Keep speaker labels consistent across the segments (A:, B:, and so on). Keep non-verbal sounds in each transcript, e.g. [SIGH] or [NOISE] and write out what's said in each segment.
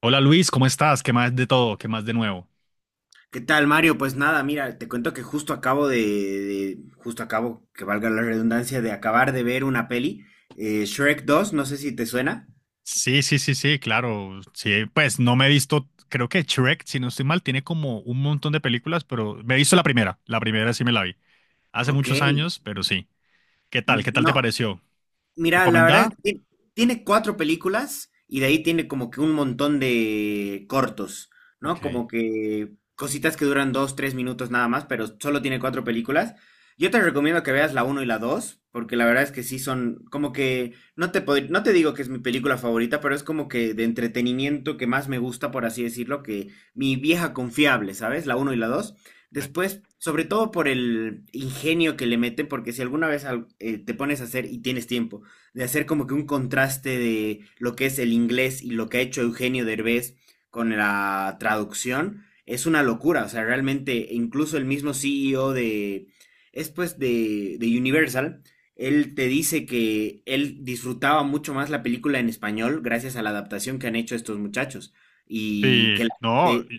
A: Hola Luis, ¿cómo estás? ¿Qué más de todo? ¿Qué más de nuevo?
B: ¿Qué tal, Mario? Pues nada, mira, te cuento que justo justo acabo, que valga la redundancia, de acabar de ver una peli, Shrek dos, no sé si te suena.
A: Sí, sí, sí, sí, claro. Sí, pues no me he visto, creo que Shrek, si no estoy mal, tiene como un montón de películas, pero me he visto la primera. La primera sí me la vi. Hace
B: Ok,
A: muchos
B: N-
A: años, pero sí. ¿Qué tal? ¿Qué tal te
B: no,
A: pareció?
B: Mira, La verdad es que
A: ¿Recomendada?
B: tiene cuatro películas y de ahí tiene como que un montón de cortos, ¿no? Como
A: Ok.
B: que cositas que duran dos, tres minutos nada más, pero solo tiene cuatro películas. Yo te recomiendo que veas la uno y la dos, porque la verdad es que sí son como que, no te digo que es mi película favorita, pero es como que de entretenimiento que más me gusta, por así decirlo, que mi vieja confiable, ¿sabes? La uno y la dos. Después, sobre todo por el ingenio que le meten, porque si alguna vez te pones a hacer y tienes tiempo, de hacer como que un contraste de lo que es el inglés y lo que ha hecho Eugenio Derbez con la traducción, es una locura. O sea, realmente, incluso el mismo CEO de es de Universal, él te dice que él disfrutaba mucho más la película en español gracias a la adaptación que han hecho estos muchachos y
A: Sí,
B: que la
A: no.
B: gente,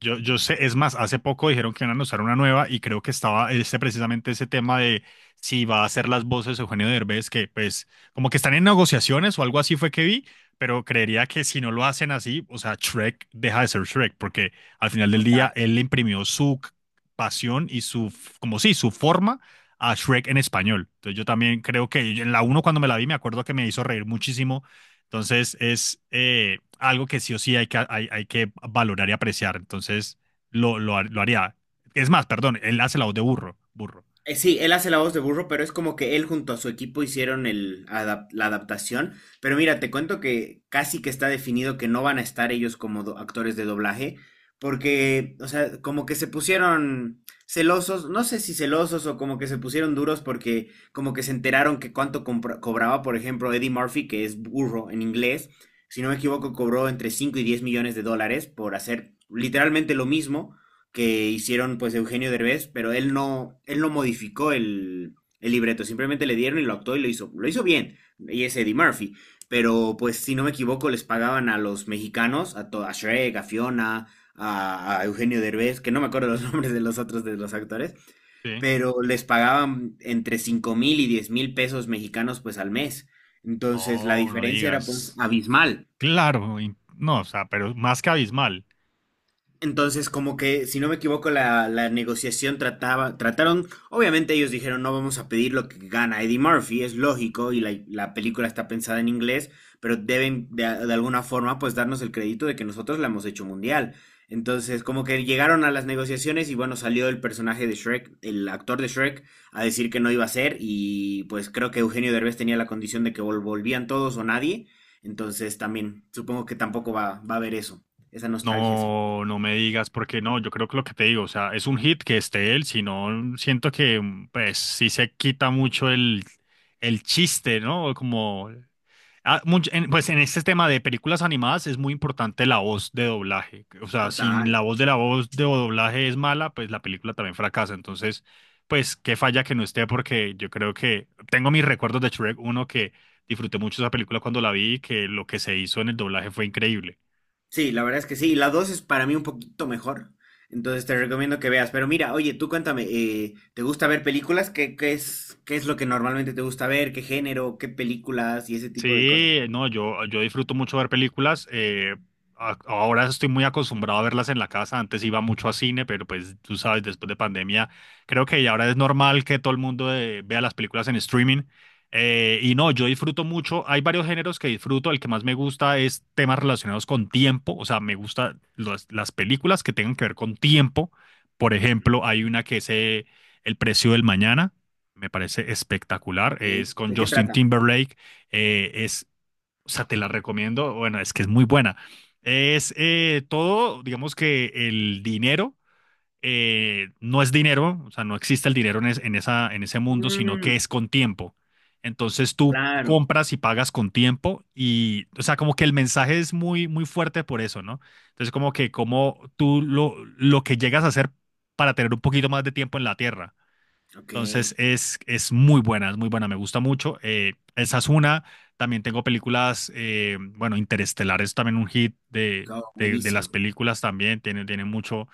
A: Yo sé, es más, hace poco dijeron que iban a lanzar una nueva y creo que estaba este, precisamente ese tema de si va a hacer las voces Eugenio Derbez, que pues como que están en negociaciones o algo así fue que vi, pero creería que si no lo hacen así, o sea, Shrek deja de ser Shrek, porque al final
B: o
A: del
B: sea,
A: día él le imprimió pasión y como sí, su forma a Shrek en español. Entonces yo también creo que en la uno cuando me la vi me acuerdo que me hizo reír muchísimo, entonces es algo que sí o sí hay que, hay que valorar y apreciar. Entonces lo haría. Es más, perdón, él hace la voz de burro, burro.
B: Sí, él hace la voz de burro, pero es como que él junto a su equipo hicieron la adaptación. Pero mira, te cuento que casi que está definido que no van a estar ellos como actores de doblaje, porque, o sea, como que se pusieron celosos, no sé si celosos o como que se pusieron duros porque como que se enteraron que cuánto cobraba, por ejemplo, Eddie Murphy, que es burro en inglés, si no me equivoco, cobró entre 5 y 10 millones de dólares por hacer literalmente lo mismo que hicieron pues Eugenio Derbez, pero él no modificó el libreto, simplemente le dieron y lo actuó y lo hizo bien, y es Eddie Murphy, pero pues si no me equivoco les pagaban a los mexicanos, a Shrek, a Fiona, a Eugenio Derbez, que no me acuerdo los [LAUGHS] nombres de los otros de los actores,
A: Sí.
B: pero les pagaban entre 5.000 y 10.000 pesos mexicanos pues al mes, entonces la
A: No, no
B: diferencia era pues
A: digas.
B: abismal.
A: Claro, no, o sea, pero más que abismal.
B: Entonces, como que, si no me equivoco, la negociación trataba, trataron, obviamente ellos dijeron, no vamos a pedir lo que gana Eddie Murphy, es lógico, y la película está pensada en inglés, pero deben de alguna forma, pues, darnos el crédito de que nosotros la hemos hecho mundial. Entonces, como que llegaron a las negociaciones y bueno, salió el personaje de Shrek, el actor de Shrek, a decir que no iba a ser y pues creo que Eugenio Derbez tenía la condición de que volvían todos o nadie. Entonces, también supongo que tampoco va a haber eso, esa nostalgia.
A: No, no me digas, porque no, yo creo que lo que te digo, o sea, es un hit que esté él, si no, siento que, pues, sí se quita mucho el chiste, ¿no? Como ah, pues en este tema de películas animadas es muy importante la voz de doblaje. O sea, sin
B: Total.
A: la voz de doblaje es mala, pues la película también fracasa. Entonces, pues qué falla que no esté, porque yo creo que tengo mis recuerdos de Shrek uno, que disfruté mucho esa película cuando la vi y que lo que se hizo en el doblaje fue increíble.
B: Sí, la verdad es que sí. La 2 es para mí un poquito mejor. Entonces te recomiendo que veas. Pero mira, oye, tú cuéntame, ¿te gusta ver películas? ¿Qué es lo que normalmente te gusta ver? ¿Qué género? ¿Qué películas? Y ese tipo de cosas.
A: Sí, no, yo disfruto mucho ver películas. Ahora estoy muy acostumbrado a verlas en la casa. Antes iba mucho a cine, pero pues tú sabes, después de pandemia, creo que ya ahora es normal que todo el mundo vea las películas en streaming. Y no, yo disfruto mucho. Hay varios géneros que disfruto. El que más me gusta es temas relacionados con tiempo. O sea, me gustan las películas que tengan que ver con tiempo. Por ejemplo, hay una que es El precio del mañana. Me parece
B: Ok.
A: espectacular. Es con
B: ¿De qué
A: Justin
B: trata?
A: Timberlake. eh, es, o sea, te la recomiendo, bueno, es que es muy buena. Es todo, digamos que el dinero no es dinero, o sea, no existe el dinero en, en esa, en ese mundo, sino que es
B: Mm,
A: con tiempo. Entonces tú
B: claro.
A: compras y pagas con tiempo y, o sea, como que el mensaje es muy, muy fuerte por eso, ¿no? Entonces como que como tú lo que llegas a hacer para tener un poquito más de tiempo en la tierra.
B: Ok.
A: Entonces es muy buena, me gusta mucho. Esa es una. También tengo películas, bueno, Interestelar es también un hit
B: Go,
A: de las
B: buenísimo.
A: películas también, tiene mucho,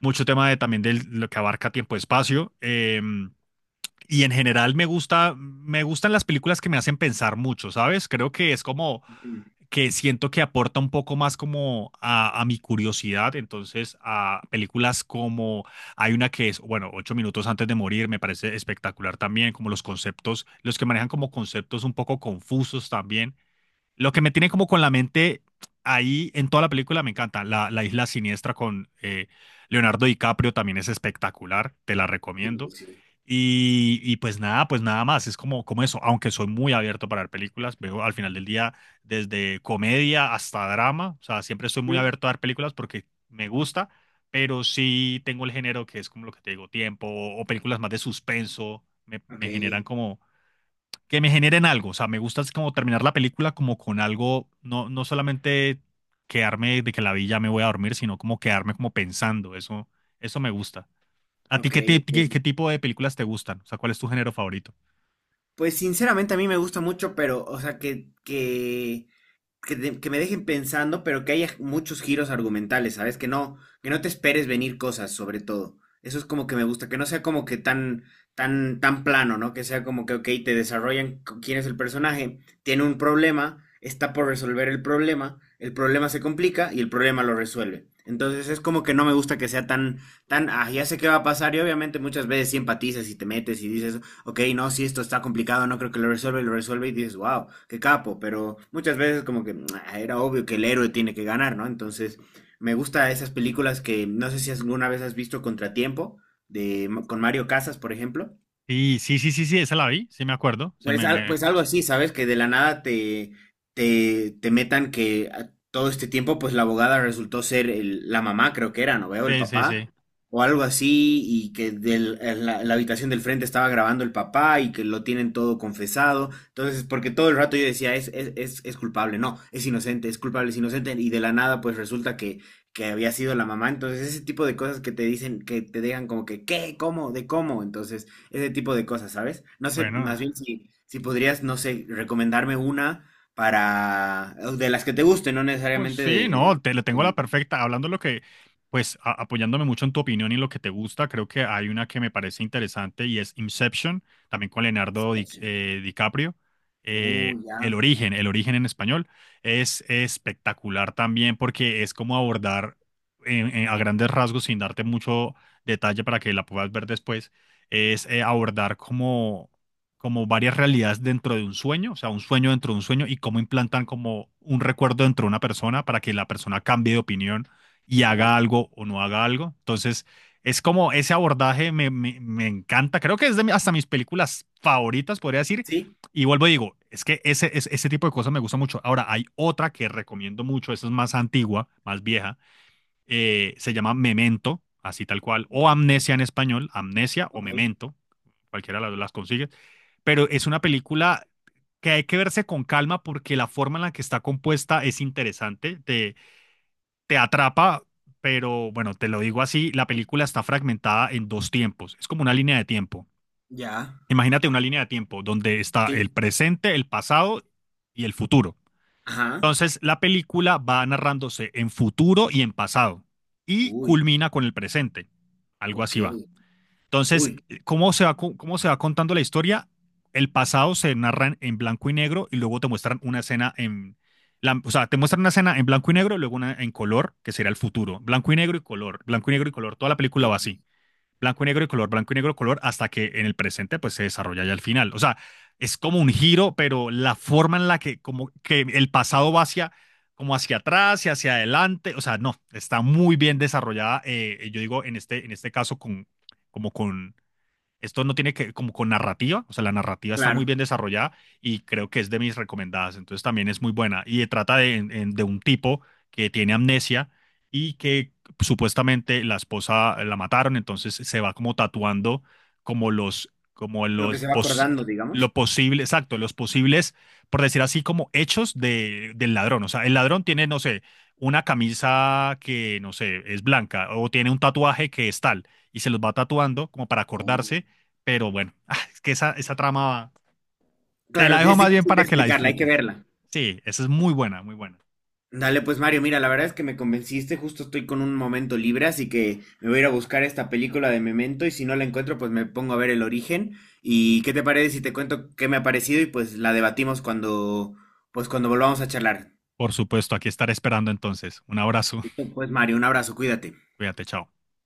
A: mucho tema de, también de lo que abarca tiempo-espacio. Y en general me gusta, me gustan las películas que me hacen pensar mucho, ¿sabes? Creo que es como
B: Mm,
A: que siento que aporta un poco más como a mi curiosidad, entonces a películas como hay una que es, bueno, Ocho minutos antes de morir, me parece espectacular también, como los conceptos, los que manejan como conceptos un poco confusos también, lo que me tiene como con la mente ahí en toda la película, me encanta. La Isla Siniestra con Leonardo DiCaprio también es espectacular, te la
B: sí,
A: recomiendo.
B: sí.
A: Y pues nada más, es como, como eso, aunque soy muy abierto para ver películas, veo al final del día desde comedia hasta drama, o sea, siempre estoy muy
B: Mm,
A: abierto a ver películas porque me gusta, pero sí tengo el género que es como lo que te digo, tiempo o películas más de suspenso,
B: ok,
A: me generan como que me generen algo. O sea, me gusta es como terminar la película como con algo, no, no solamente quedarme de que la vi ya me voy a dormir, sino como quedarme como pensando. Eso me gusta. ¿A ti
B: ok,
A: qué, qué,
B: ok.
A: qué tipo de películas te gustan? O sea, ¿cuál es tu género favorito?
B: Pues sinceramente a mí me gusta mucho, pero, o sea, que me dejen pensando, pero que haya muchos giros argumentales, ¿sabes? Que no te esperes venir cosas, sobre todo. Eso es como que me gusta, que no sea como que tan plano, ¿no? Que sea como que, ok, te desarrollan quién es el personaje, tiene un problema, está por resolver el problema se complica y el problema lo resuelve. Entonces es como que no me gusta que sea ah, ya sé qué va a pasar y obviamente muchas veces sí empatizas y te metes y dices, ok, no, si esto está complicado, no creo que lo resuelva y lo resuelve y dices, wow, qué capo, pero muchas veces como que "Ah, era obvio que el héroe tiene que ganar, ¿no?" Entonces, me gusta esas películas que no sé si alguna vez has visto Contratiempo, de, con Mario Casas, por ejemplo.
A: Sí, sí, sí, sí, sí, esa la vi, sí me acuerdo. Sí, me, me...
B: Pues algo así, ¿sabes? Que de la nada te metan que todo este tiempo, pues la abogada resultó ser la mamá, creo que era, ¿no veo? El
A: Sí, sí,
B: papá,
A: sí.
B: o algo así, y que en la habitación del frente estaba grabando el papá y que lo tienen todo confesado. Entonces, porque todo el rato yo decía, es culpable, no, es inocente, es culpable, es inocente, y de la nada, pues resulta que había sido la mamá. Entonces, ese tipo de cosas que te dicen, que te dejan como que, ¿qué? ¿Cómo? ¿De cómo? Entonces ese tipo de cosas, ¿sabes? No sé,
A: Bueno.
B: más bien si podrías, no sé, recomendarme una para, de las que te gusten, no
A: Pues
B: necesariamente
A: sí, no, te le
B: de
A: tengo la
B: mi
A: perfecta. Hablando lo que, pues apoyándome mucho en tu opinión y en lo que te gusta, creo que hay una que me parece interesante y es Inception, también con Leonardo
B: situación.
A: DiCaprio.
B: Ya.
A: El origen en español, es espectacular también porque es como abordar a grandes rasgos, sin darte mucho detalle para que la puedas ver después, es abordar como varias realidades dentro de un sueño, o sea, un sueño dentro de un sueño y cómo implantan como un recuerdo dentro de una persona para que la persona cambie de opinión y haga
B: Oh.
A: algo o no haga algo. Entonces, es como ese abordaje me encanta. Creo que es de hasta mis películas favoritas, podría decir.
B: Sí.
A: Y vuelvo y digo, es que ese, ese tipo de cosas me gusta mucho. Ahora, hay otra que recomiendo mucho, esa es más antigua, más vieja, se llama Memento, así tal cual, o Amnesia en español, Amnesia o
B: Ok.
A: Memento, cualquiera de las consigue, pero es una película que hay que verse con calma porque la forma en la que está compuesta es interesante, te atrapa, pero bueno, te lo digo así, la película está fragmentada en dos tiempos, es como una línea de tiempo.
B: Ya.
A: Imagínate una línea de tiempo donde está el
B: Sí.
A: presente, el pasado y el futuro.
B: Ajá.
A: Entonces, la película va narrándose en futuro y en pasado y
B: Uy.
A: culmina con el presente. Algo
B: Ok.
A: así va. Entonces,
B: Uy.
A: ¿cómo se va, cómo se va contando la historia? El pasado se narra en blanco y negro y luego te muestran una escena en... o sea, te muestran una escena en blanco y negro y luego una en color, que será el futuro. Blanco y negro y color, blanco y negro y color. Toda la película
B: Ok.
A: va así, blanco y negro y color, blanco y negro, color, hasta que en el presente pues se desarrolla ya al final. O sea, es como un giro, pero la forma en la que como que el pasado va hacia como hacia atrás y hacia adelante, o sea, no, está muy bien desarrollada, yo digo en este caso con, como con esto no tiene que como con narrativa, o sea, la narrativa está muy
B: Claro.
A: bien desarrollada y creo que es de mis recomendadas, entonces también es muy buena. Y trata de, de un tipo que tiene amnesia y que supuestamente la esposa la mataron, entonces se va como tatuando como
B: Lo que
A: los,
B: se va acordando, digamos.
A: lo posible, exacto, los posibles, por decir así, como hechos de, del ladrón. O sea, el ladrón tiene, no sé, una camisa que, no sé, es blanca o tiene un tatuaje que es tal y se los va tatuando como para
B: Oh.
A: acordarse, pero bueno, [LAUGHS] es que esa trama te
B: Claro,
A: la dejo
B: es
A: más bien
B: difícil de
A: para que la
B: explicarla, hay que
A: disfrutes.
B: verla.
A: Sí, esa es muy buena, muy buena.
B: Dale, pues Mario, mira, la verdad es que me convenciste, justo estoy con un momento libre, así que me voy a ir a buscar esta película de Memento y si no la encuentro, pues me pongo a ver el origen. ¿Y qué te parece si te cuento qué me ha parecido y pues la debatimos cuando, pues cuando volvamos a charlar?
A: Por supuesto, aquí estaré esperando entonces. Un abrazo.
B: Pues Mario, un abrazo, cuídate.
A: [LAUGHS] Cuídate, chao.